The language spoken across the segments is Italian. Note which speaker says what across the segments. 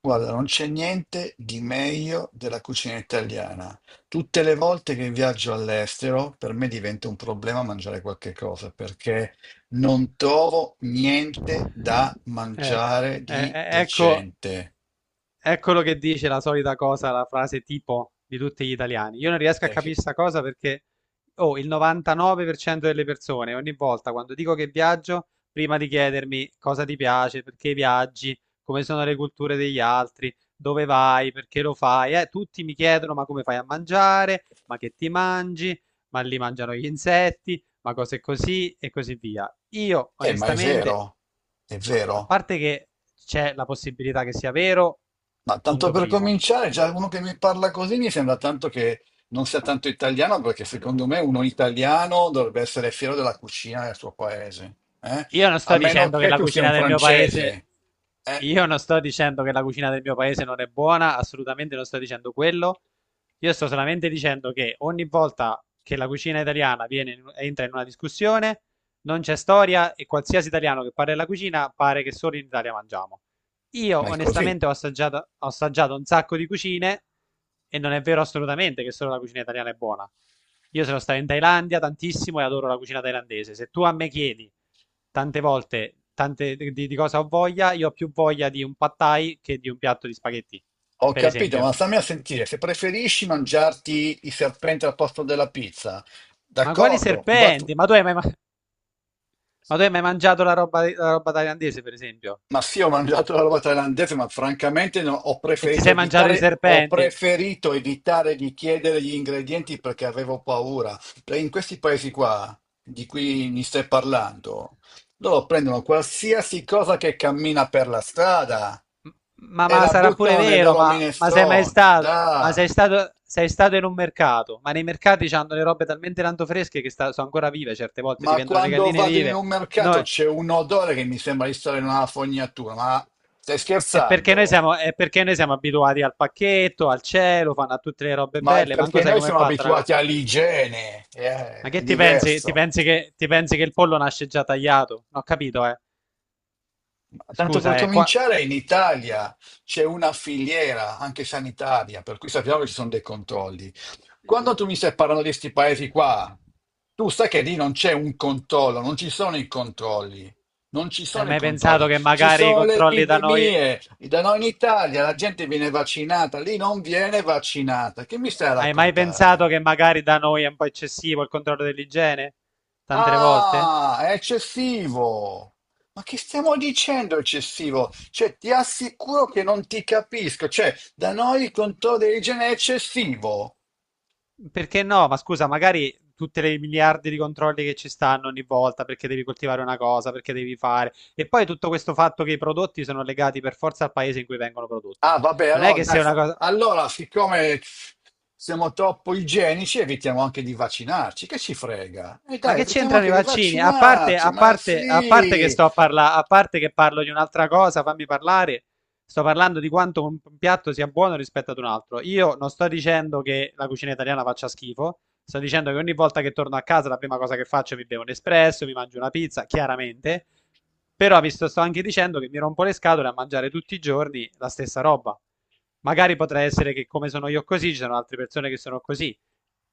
Speaker 1: Guarda, non c'è niente di meglio della cucina italiana. Tutte le volte che viaggio all'estero, per me diventa un problema mangiare qualche cosa perché non trovo niente da
Speaker 2: Ecco,
Speaker 1: mangiare
Speaker 2: e-
Speaker 1: di
Speaker 2: e- ecco,
Speaker 1: decente.
Speaker 2: Eccolo che dice la solita cosa, la frase tipo di tutti gli italiani. Io non riesco a
Speaker 1: Eh,
Speaker 2: capire
Speaker 1: che-
Speaker 2: sta cosa perché, oh, il 99% delle persone, ogni volta quando dico che viaggio, prima di chiedermi cosa ti piace, perché viaggi, come sono le culture degli altri, dove vai, perché lo fai, tutti mi chiedono ma come fai a mangiare, ma che ti mangi, ma lì mangiano gli insetti, ma cose così e così via. Io
Speaker 1: ma è
Speaker 2: onestamente,
Speaker 1: vero, è
Speaker 2: ma a
Speaker 1: vero.
Speaker 2: parte che c'è la possibilità che sia vero,
Speaker 1: Ma tanto
Speaker 2: punto
Speaker 1: per
Speaker 2: primo.
Speaker 1: cominciare, già uno che mi parla così mi sembra tanto che non sia tanto italiano, perché secondo me uno italiano dovrebbe essere fiero della cucina del suo paese, eh?
Speaker 2: Io non
Speaker 1: A
Speaker 2: sto
Speaker 1: meno
Speaker 2: dicendo che
Speaker 1: che
Speaker 2: la
Speaker 1: tu sia
Speaker 2: cucina
Speaker 1: un
Speaker 2: del mio paese,
Speaker 1: francese, eh?
Speaker 2: Io non sto dicendo che la cucina del mio paese non è buona, assolutamente non sto dicendo quello. Io sto solamente dicendo che ogni volta che la cucina italiana viene entra in una discussione, non c'è storia e qualsiasi italiano che parla della cucina pare che solo in Italia mangiamo. Io
Speaker 1: Ma è così.
Speaker 2: onestamente ho assaggiato un sacco di cucine e non è vero assolutamente che solo la cucina italiana è buona. Io sono stato in Thailandia tantissimo e adoro la cucina thailandese. Se tu a me chiedi tante volte tante, di cosa ho voglia, io ho più voglia di un pad thai che di un piatto di spaghetti,
Speaker 1: Ho
Speaker 2: per
Speaker 1: capito, ma
Speaker 2: esempio.
Speaker 1: stammi a sentire, se preferisci mangiarti i serpenti al posto della pizza,
Speaker 2: Ma quali
Speaker 1: d'accordo,
Speaker 2: serpenti? Ma tu hai mai mangiato la roba thailandese, per esempio?
Speaker 1: ma sì, ho mangiato la roba thailandese, ma francamente no,
Speaker 2: E ti sei mangiato i
Speaker 1: ho
Speaker 2: serpenti?
Speaker 1: preferito evitare di chiedere gli ingredienti perché avevo paura. Perché in questi paesi qua, di cui mi stai parlando, loro prendono qualsiasi cosa che cammina per la strada
Speaker 2: M- Ma,
Speaker 1: e
Speaker 2: ma
Speaker 1: la
Speaker 2: sarà pure
Speaker 1: buttano nei
Speaker 2: vero,
Speaker 1: loro
Speaker 2: ma sei mai
Speaker 1: minestroni,
Speaker 2: stato? Ma sei
Speaker 1: dai.
Speaker 2: stato, sei stato in un mercato? Ma nei mercati c'hanno le robe talmente tanto fresche che sono ancora vive, certe volte ti
Speaker 1: Ma
Speaker 2: vendono le
Speaker 1: quando
Speaker 2: galline
Speaker 1: vado in
Speaker 2: vive.
Speaker 1: un mercato
Speaker 2: Noi.
Speaker 1: c'è un odore che mi sembra di stare in una fognatura, ma stai
Speaker 2: È perché noi
Speaker 1: scherzando?
Speaker 2: siamo, è perché noi siamo abituati al pacchetto, al cielo, fanno a tutte le robe
Speaker 1: Ma è
Speaker 2: belle, manco
Speaker 1: perché
Speaker 2: sai
Speaker 1: noi
Speaker 2: com'è
Speaker 1: siamo
Speaker 2: fatta la cosa.
Speaker 1: abituati all'igiene,
Speaker 2: Ma
Speaker 1: è
Speaker 2: che ti pensi? Ti
Speaker 1: diverso.
Speaker 2: pensi che, ti pensi che il pollo nasce già tagliato? Non ho capito, eh.
Speaker 1: Ma tanto per
Speaker 2: Scusa, qua.
Speaker 1: cominciare, in Italia c'è una filiera anche sanitaria, per cui sappiamo che ci sono dei controlli. Quando tu mi stai parlando di questi paesi qua, tu sai che lì non c'è un controllo, non ci sono i controlli. Non ci
Speaker 2: Hai
Speaker 1: sono i
Speaker 2: mai pensato
Speaker 1: controlli,
Speaker 2: che
Speaker 1: ci
Speaker 2: magari i
Speaker 1: sono le
Speaker 2: controlli da noi.
Speaker 1: epidemie. Da noi in Italia la gente viene vaccinata, lì non viene vaccinata. Che mi stai a
Speaker 2: Hai mai pensato
Speaker 1: raccontare?
Speaker 2: che magari da noi è un po' eccessivo il controllo dell'igiene? Tante le volte?
Speaker 1: Ah, è eccessivo. Ma che stiamo dicendo eccessivo? Cioè, ti assicuro che non ti capisco. Cioè, da noi il controllo dell'igiene è eccessivo.
Speaker 2: Perché no? Ma scusa, magari tutte le miliardi di controlli che ci stanno ogni volta perché devi coltivare una cosa, perché devi fare. E poi tutto questo fatto che i prodotti sono legati per forza al paese in cui vengono prodotti.
Speaker 1: Ah, vabbè,
Speaker 2: Non è
Speaker 1: allora,
Speaker 2: che se
Speaker 1: dai,
Speaker 2: una cosa.
Speaker 1: allora, siccome siamo troppo igienici, evitiamo anche di vaccinarci. Che ci frega? E
Speaker 2: Ma
Speaker 1: dai,
Speaker 2: che
Speaker 1: evitiamo
Speaker 2: c'entrano i
Speaker 1: anche di
Speaker 2: vaccini? A parte,
Speaker 1: vaccinarci,
Speaker 2: a
Speaker 1: ma
Speaker 2: parte, a parte che
Speaker 1: sì.
Speaker 2: sto a parlare, a parte che parlo di un'altra cosa, fammi parlare. Sto parlando di quanto un piatto sia buono rispetto ad un altro. Io non sto dicendo che la cucina italiana faccia schifo, sto dicendo che ogni volta che torno a casa la prima cosa che faccio è mi bevo un espresso, mi mangio una pizza, chiaramente. Però vi sto anche dicendo che mi rompo le scatole a mangiare tutti i giorni la stessa roba. Magari potrà essere che come sono io così, ci sono altre persone che sono così.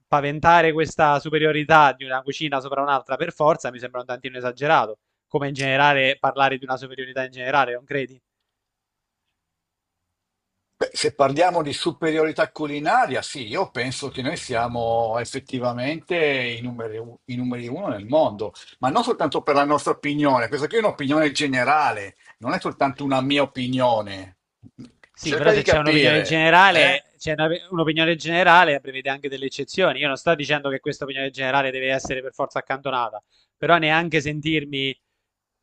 Speaker 2: Paventare questa superiorità di una cucina sopra un'altra per forza mi sembra un tantino esagerato, come in generale parlare di una superiorità in generale, non credi?
Speaker 1: Beh, se parliamo di superiorità culinaria, sì, io penso che noi siamo effettivamente i numeri, i numeri uno nel mondo, ma non soltanto per la nostra opinione, questa qui è un'opinione generale, non è soltanto una mia opinione.
Speaker 2: Sì,
Speaker 1: Cerca
Speaker 2: però
Speaker 1: di
Speaker 2: se c'è un'opinione
Speaker 1: capire, eh?
Speaker 2: generale, c'è un'opinione generale prevede anche delle eccezioni. Io non sto dicendo che questa opinione generale deve essere per forza accantonata, però neanche sentirmi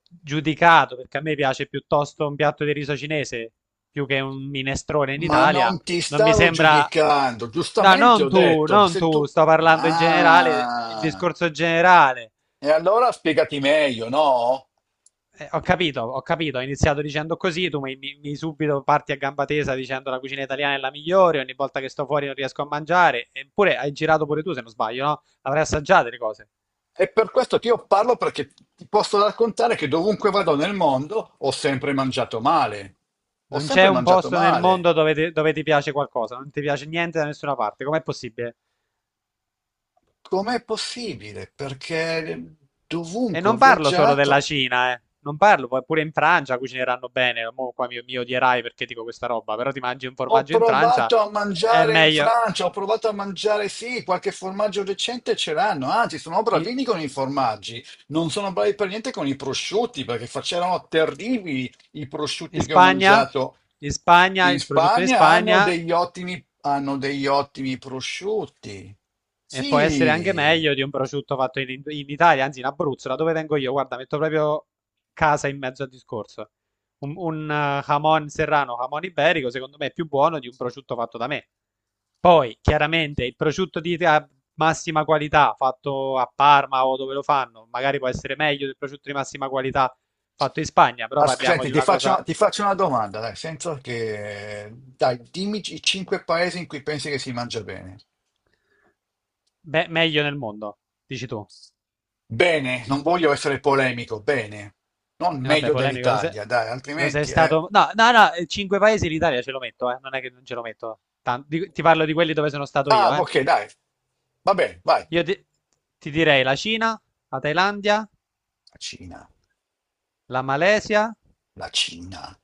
Speaker 2: giudicato, perché a me piace piuttosto un piatto di riso cinese più che un minestrone in
Speaker 1: Ma
Speaker 2: Italia,
Speaker 1: non ti
Speaker 2: non mi
Speaker 1: stavo
Speaker 2: sembra.
Speaker 1: giudicando,
Speaker 2: No,
Speaker 1: giustamente
Speaker 2: non
Speaker 1: ho
Speaker 2: tu,
Speaker 1: detto,
Speaker 2: non
Speaker 1: se
Speaker 2: tu,
Speaker 1: tu...
Speaker 2: sto parlando in generale, il
Speaker 1: Ah,
Speaker 2: discorso generale.
Speaker 1: e allora spiegati meglio, no?
Speaker 2: Ho capito, ho capito, ho iniziato dicendo così, tu mi subito parti a gamba tesa dicendo la cucina italiana è la migliore, ogni volta che sto fuori non riesco a mangiare, eppure hai girato pure tu se non sbaglio, no? Avrai assaggiato le cose.
Speaker 1: E per questo ti io parlo perché ti posso raccontare che dovunque vado nel mondo ho sempre mangiato male. Ho
Speaker 2: Non c'è
Speaker 1: sempre
Speaker 2: un
Speaker 1: mangiato
Speaker 2: posto nel
Speaker 1: male.
Speaker 2: mondo dove ti piace qualcosa, non ti piace niente da nessuna parte, com'è possibile?
Speaker 1: Com'è possibile? Perché
Speaker 2: E
Speaker 1: dovunque ho
Speaker 2: non parlo solo della
Speaker 1: viaggiato.
Speaker 2: Cina, eh. Non parlo, poi pure in Francia cucineranno bene, mo qua mi odierai perché dico questa roba, però ti mangi un
Speaker 1: Ho
Speaker 2: formaggio in Francia,
Speaker 1: provato a
Speaker 2: è
Speaker 1: mangiare in
Speaker 2: meglio.
Speaker 1: Francia, ho provato a mangiare, sì, qualche formaggio decente ce l'hanno, anzi sono
Speaker 2: I-
Speaker 1: bravini con i formaggi, non sono bravi per niente con i prosciutti, perché facevano terribili i
Speaker 2: In
Speaker 1: prosciutti che ho
Speaker 2: Spagna?
Speaker 1: mangiato.
Speaker 2: In Spagna,
Speaker 1: In
Speaker 2: il prosciutto in
Speaker 1: Spagna
Speaker 2: Spagna
Speaker 1: hanno degli ottimi prosciutti.
Speaker 2: e può essere anche
Speaker 1: Sì.
Speaker 2: meglio di un prosciutto fatto in Italia, anzi in Abruzzo, da dove vengo io. Guarda, metto proprio casa in mezzo al discorso. Un jamon serrano, jamon iberico, secondo me è più buono di un prosciutto fatto da me. Poi, chiaramente, il prosciutto di a massima qualità fatto a Parma o dove lo fanno, magari può essere meglio del prosciutto di massima qualità fatto in Spagna, però parliamo
Speaker 1: Senti,
Speaker 2: di
Speaker 1: ti
Speaker 2: una
Speaker 1: faccio,
Speaker 2: cosa
Speaker 1: ti faccio una domanda, dai, senza che... Dai, dimmi i cinque paesi in cui pensi che si mangia bene.
Speaker 2: meglio nel mondo, dici tu.
Speaker 1: Bene, non voglio essere polemico, bene. Non
Speaker 2: E vabbè,
Speaker 1: meglio
Speaker 2: polemico,
Speaker 1: dell'Italia, dai,
Speaker 2: lo sei
Speaker 1: altrimenti è...
Speaker 2: stato. No, no, no, cinque paesi l'Italia ce lo metto, eh. Non è che non ce lo metto. Ti parlo di quelli dove sono stato
Speaker 1: Ah,
Speaker 2: io, eh.
Speaker 1: ok, dai. Va bene, vai. La
Speaker 2: Io ti direi la Cina, la Thailandia,
Speaker 1: Cina,
Speaker 2: la Malesia
Speaker 1: la Cina.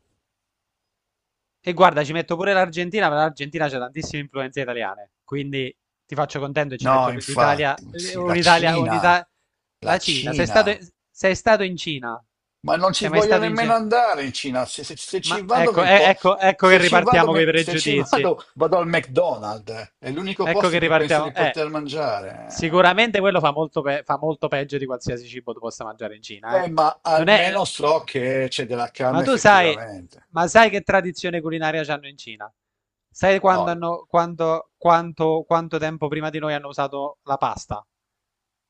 Speaker 2: e guarda, ci metto pure l'Argentina, ma l'Argentina c'è tantissime influenze italiane. Quindi ti faccio contento e ci
Speaker 1: No,
Speaker 2: metto l'Italia,
Speaker 1: infatti, sì, la
Speaker 2: un'Italia,
Speaker 1: Cina,
Speaker 2: un'Italia.
Speaker 1: la
Speaker 2: La Cina, sei stato,
Speaker 1: Cina.
Speaker 2: sei stato in Cina?
Speaker 1: Ma non ci
Speaker 2: Sei mai
Speaker 1: voglio
Speaker 2: stato in
Speaker 1: nemmeno
Speaker 2: Cina?
Speaker 1: andare in Cina. Se, se ci
Speaker 2: Ma
Speaker 1: vado
Speaker 2: ecco,
Speaker 1: mi
Speaker 2: eh, ecco, ecco che
Speaker 1: se ci vado,
Speaker 2: ripartiamo con i
Speaker 1: se ci
Speaker 2: pregiudizi.
Speaker 1: vado, vado al McDonald's. È l'unico
Speaker 2: Ecco
Speaker 1: posto
Speaker 2: che
Speaker 1: in cui penso di
Speaker 2: ripartiamo.
Speaker 1: poter mangiare.
Speaker 2: Sicuramente quello fa molto peggio di qualsiasi cibo tu possa mangiare in Cina, eh.
Speaker 1: Ma
Speaker 2: Non è.
Speaker 1: almeno so che c'è della
Speaker 2: Ma
Speaker 1: carne
Speaker 2: tu sai,
Speaker 1: effettivamente.
Speaker 2: ma sai che tradizione culinaria c'hanno in Cina? Sai quando
Speaker 1: No,
Speaker 2: hanno, quando, quanto, quanto tempo prima di noi hanno usato la pasta?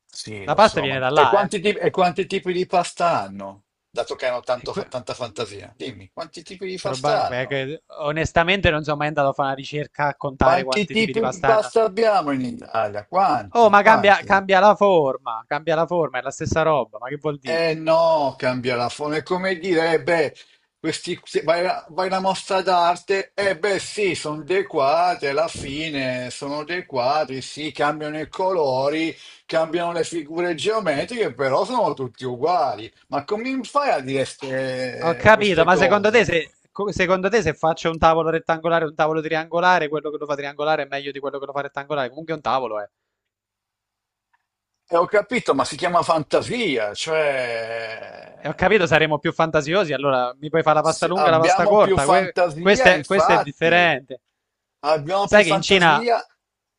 Speaker 1: sì,
Speaker 2: La
Speaker 1: lo
Speaker 2: pasta
Speaker 1: so, ma...
Speaker 2: viene da là, eh.
Speaker 1: E quanti tipi di pasta hanno? Dato che hanno
Speaker 2: E que-
Speaker 1: tanta fantasia. Dimmi, quanti tipi di pasta hanno?
Speaker 2: onestamente non sono mai andato a fare una ricerca a contare
Speaker 1: Quanti
Speaker 2: quanti tipi di
Speaker 1: tipi di
Speaker 2: pasta hanno.
Speaker 1: pasta abbiamo in Italia?
Speaker 2: Oh,
Speaker 1: Quanti?
Speaker 2: ma cambia,
Speaker 1: Quanti?
Speaker 2: cambia la forma, cambia la forma, è la stessa roba, ma che vuol dire?
Speaker 1: Eh no, cambia la forma. È come dire, eh beh, questi, se vai, vai alla mostra d'arte, eh beh sì, sono dei quadri, alla fine sono dei quadri, sì, cambiano i colori, cambiano le figure geometriche, però sono tutti uguali. Ma come fai a dire
Speaker 2: Ho capito,
Speaker 1: queste
Speaker 2: ma secondo te
Speaker 1: cose?
Speaker 2: se, secondo te se faccio un tavolo rettangolare e un tavolo triangolare, quello che lo fa triangolare è meglio di quello che lo fa rettangolare? Comunque è un tavolo, eh.
Speaker 1: E ho capito, ma si chiama fantasia,
Speaker 2: E ho
Speaker 1: cioè
Speaker 2: capito, saremo più fantasiosi, allora mi puoi fare la pasta
Speaker 1: se
Speaker 2: lunga e la pasta
Speaker 1: abbiamo più
Speaker 2: corta, que- questo
Speaker 1: fantasia,
Speaker 2: è, questo è
Speaker 1: infatti.
Speaker 2: differente.
Speaker 1: Abbiamo più
Speaker 2: Sai che
Speaker 1: fantasia?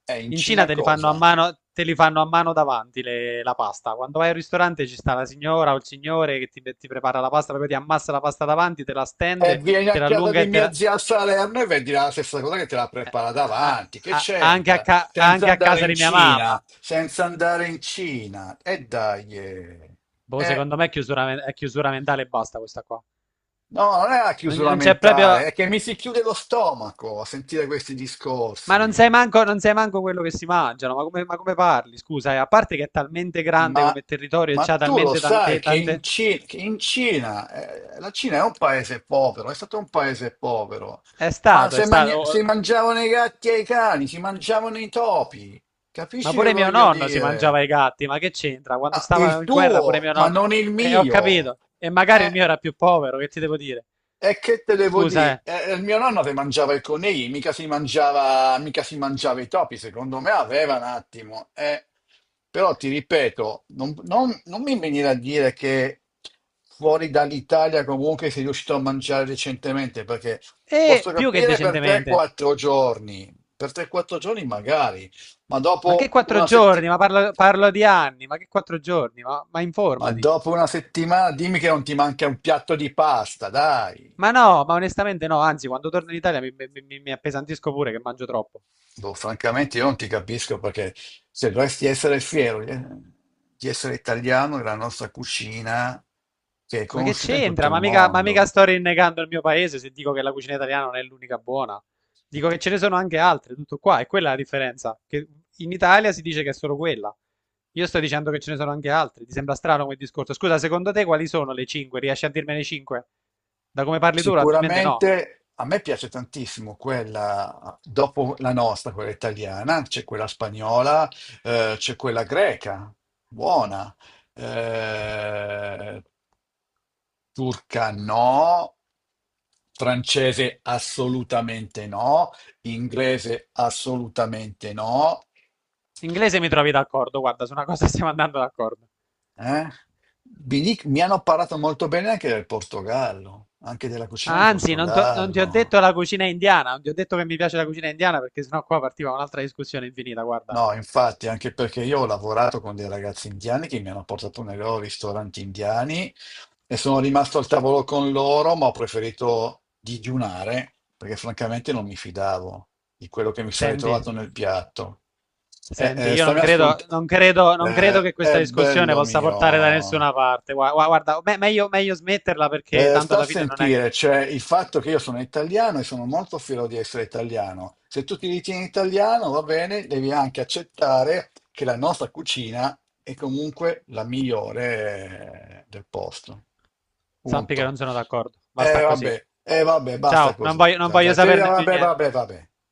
Speaker 1: È in
Speaker 2: in Cina
Speaker 1: Cina
Speaker 2: te li fanno a
Speaker 1: cosa?
Speaker 2: mano, te li fanno a mano davanti la pasta. Quando vai al ristorante ci sta la signora o il signore che ti prepara la pasta, proprio ti ammassa la pasta davanti, te la
Speaker 1: E
Speaker 2: stende,
Speaker 1: vieni a
Speaker 2: te la
Speaker 1: casa
Speaker 2: allunga
Speaker 1: di
Speaker 2: e te
Speaker 1: mia
Speaker 2: la.
Speaker 1: zia a Salerno e vedi la stessa cosa che te la
Speaker 2: Eh,
Speaker 1: prepara
Speaker 2: a-
Speaker 1: davanti. Che c'entra? Senza
Speaker 2: anche a
Speaker 1: andare
Speaker 2: casa
Speaker 1: in
Speaker 2: di mia
Speaker 1: Cina,
Speaker 2: mamma.
Speaker 1: senza andare in Cina. E dai. Eh.
Speaker 2: Boh,
Speaker 1: Eh,
Speaker 2: secondo me è chiusura, è chiusura mentale e basta questa qua.
Speaker 1: no, non è la
Speaker 2: Non,
Speaker 1: chiusura
Speaker 2: non c'è
Speaker 1: mentale,
Speaker 2: proprio.
Speaker 1: è che mi si chiude lo stomaco a sentire questi
Speaker 2: Ma non sai
Speaker 1: discorsi.
Speaker 2: manco, non sai manco quello che si mangiano, ma come parli? Scusa, a parte che è talmente grande
Speaker 1: Ma,
Speaker 2: come territorio e
Speaker 1: ma
Speaker 2: c'ha
Speaker 1: tu lo
Speaker 2: talmente
Speaker 1: sai
Speaker 2: tante,
Speaker 1: che in,
Speaker 2: tante.
Speaker 1: Che in Cina, la Cina è un paese povero, è stato un paese povero,
Speaker 2: È
Speaker 1: ma
Speaker 2: stato, è
Speaker 1: se,
Speaker 2: stato,
Speaker 1: si
Speaker 2: oh.
Speaker 1: mangiavano i gatti e i cani, si mangiavano i topi,
Speaker 2: Ma
Speaker 1: capisci che
Speaker 2: pure mio
Speaker 1: voglio
Speaker 2: nonno si
Speaker 1: dire?
Speaker 2: mangiava i gatti, ma che c'entra? Quando
Speaker 1: Ah,
Speaker 2: stavano
Speaker 1: il
Speaker 2: in guerra pure
Speaker 1: tuo,
Speaker 2: mio
Speaker 1: ma
Speaker 2: nonno.
Speaker 1: non il
Speaker 2: Ho
Speaker 1: mio.
Speaker 2: capito. E magari il
Speaker 1: Eh,
Speaker 2: mio era più povero, che ti devo dire?
Speaker 1: e che te devo
Speaker 2: Scusa,
Speaker 1: dire?
Speaker 2: eh.
Speaker 1: Il mio nonno si mangiava i conigli, mica si mangiava i topi, secondo me aveva un attimo. Eh. Però ti ripeto, non mi venire a dire che fuori dall'Italia comunque sei riuscito a mangiare recentemente, perché
Speaker 2: E
Speaker 1: posso
Speaker 2: più che
Speaker 1: capire per
Speaker 2: decentemente.
Speaker 1: 3-4 giorni, per 3-4 giorni magari, ma
Speaker 2: Ma che
Speaker 1: dopo
Speaker 2: quattro
Speaker 1: una setti-
Speaker 2: giorni? Ma parlo di anni, ma che quattro giorni? Ma
Speaker 1: ma
Speaker 2: informati.
Speaker 1: dopo una settimana dimmi che non ti manca un piatto di pasta, dai.
Speaker 2: Ma no, ma onestamente no, anzi, quando torno in Italia mi appesantisco pure che mangio troppo.
Speaker 1: Boh, francamente io non ti capisco perché se dovresti essere fiero di essere italiano della nostra cucina che è
Speaker 2: Ma che
Speaker 1: conosciuta in tutto
Speaker 2: c'entra?
Speaker 1: il
Speaker 2: Ma mica
Speaker 1: mondo.
Speaker 2: sto rinnegando il mio paese se dico che la cucina italiana non è l'unica buona. Dico che ce ne sono anche altre, tutto qua, e quella è la differenza. Che in Italia si dice che è solo quella. Io sto dicendo che ce ne sono anche altre. Ti sembra strano come discorso? Scusa, secondo te quali sono le 5? Riesci a dirmene 5? Da come parli tu, probabilmente no.
Speaker 1: Sicuramente a me piace tantissimo quella dopo la nostra, quella italiana, c'è quella spagnola, c'è quella greca, buona. Eh, Turca no, francese assolutamente no, inglese assolutamente no.
Speaker 2: Inglese mi trovi d'accordo, guarda, su una cosa stiamo andando d'accordo.
Speaker 1: Eh. Mi, mi hanno parlato molto bene anche del Portogallo, anche della cucina in
Speaker 2: Ah, anzi, non, non ti ho
Speaker 1: Portogallo.
Speaker 2: detto la cucina indiana, non ti ho detto che mi piace la cucina indiana perché sennò qua partiva un'altra discussione infinita, guarda.
Speaker 1: No, infatti, anche perché io ho lavorato con dei ragazzi indiani che mi hanno portato nei loro ristoranti indiani e sono rimasto al tavolo con loro, ma ho preferito digiunare perché francamente non mi fidavo di quello che mi sarei
Speaker 2: Senti,
Speaker 1: trovato nel piatto. Eh,
Speaker 2: senti,
Speaker 1: eh,
Speaker 2: io non
Speaker 1: stammi ascolt-
Speaker 2: credo, non credo, non credo che
Speaker 1: Eh,
Speaker 2: questa
Speaker 1: è
Speaker 2: discussione
Speaker 1: bello
Speaker 2: possa portare da
Speaker 1: mio.
Speaker 2: nessuna parte. Guarda, meglio smetterla perché tanto
Speaker 1: Sta a
Speaker 2: alla fine non è che
Speaker 1: sentire, cioè il fatto che io sono italiano e sono molto fiero di essere italiano. Se tu ti ritieni italiano, va bene, devi anche accettare che la nostra cucina è comunque la migliore del posto.
Speaker 2: sappi che
Speaker 1: Punto.
Speaker 2: non sono d'accordo. Basta così.
Speaker 1: Vabbè, vabbè, basta
Speaker 2: Ciao, non
Speaker 1: così.
Speaker 2: voglio, non
Speaker 1: Già,
Speaker 2: voglio
Speaker 1: già, sì,
Speaker 2: saperne più
Speaker 1: vabbè,
Speaker 2: niente.
Speaker 1: vabbè, vabbè.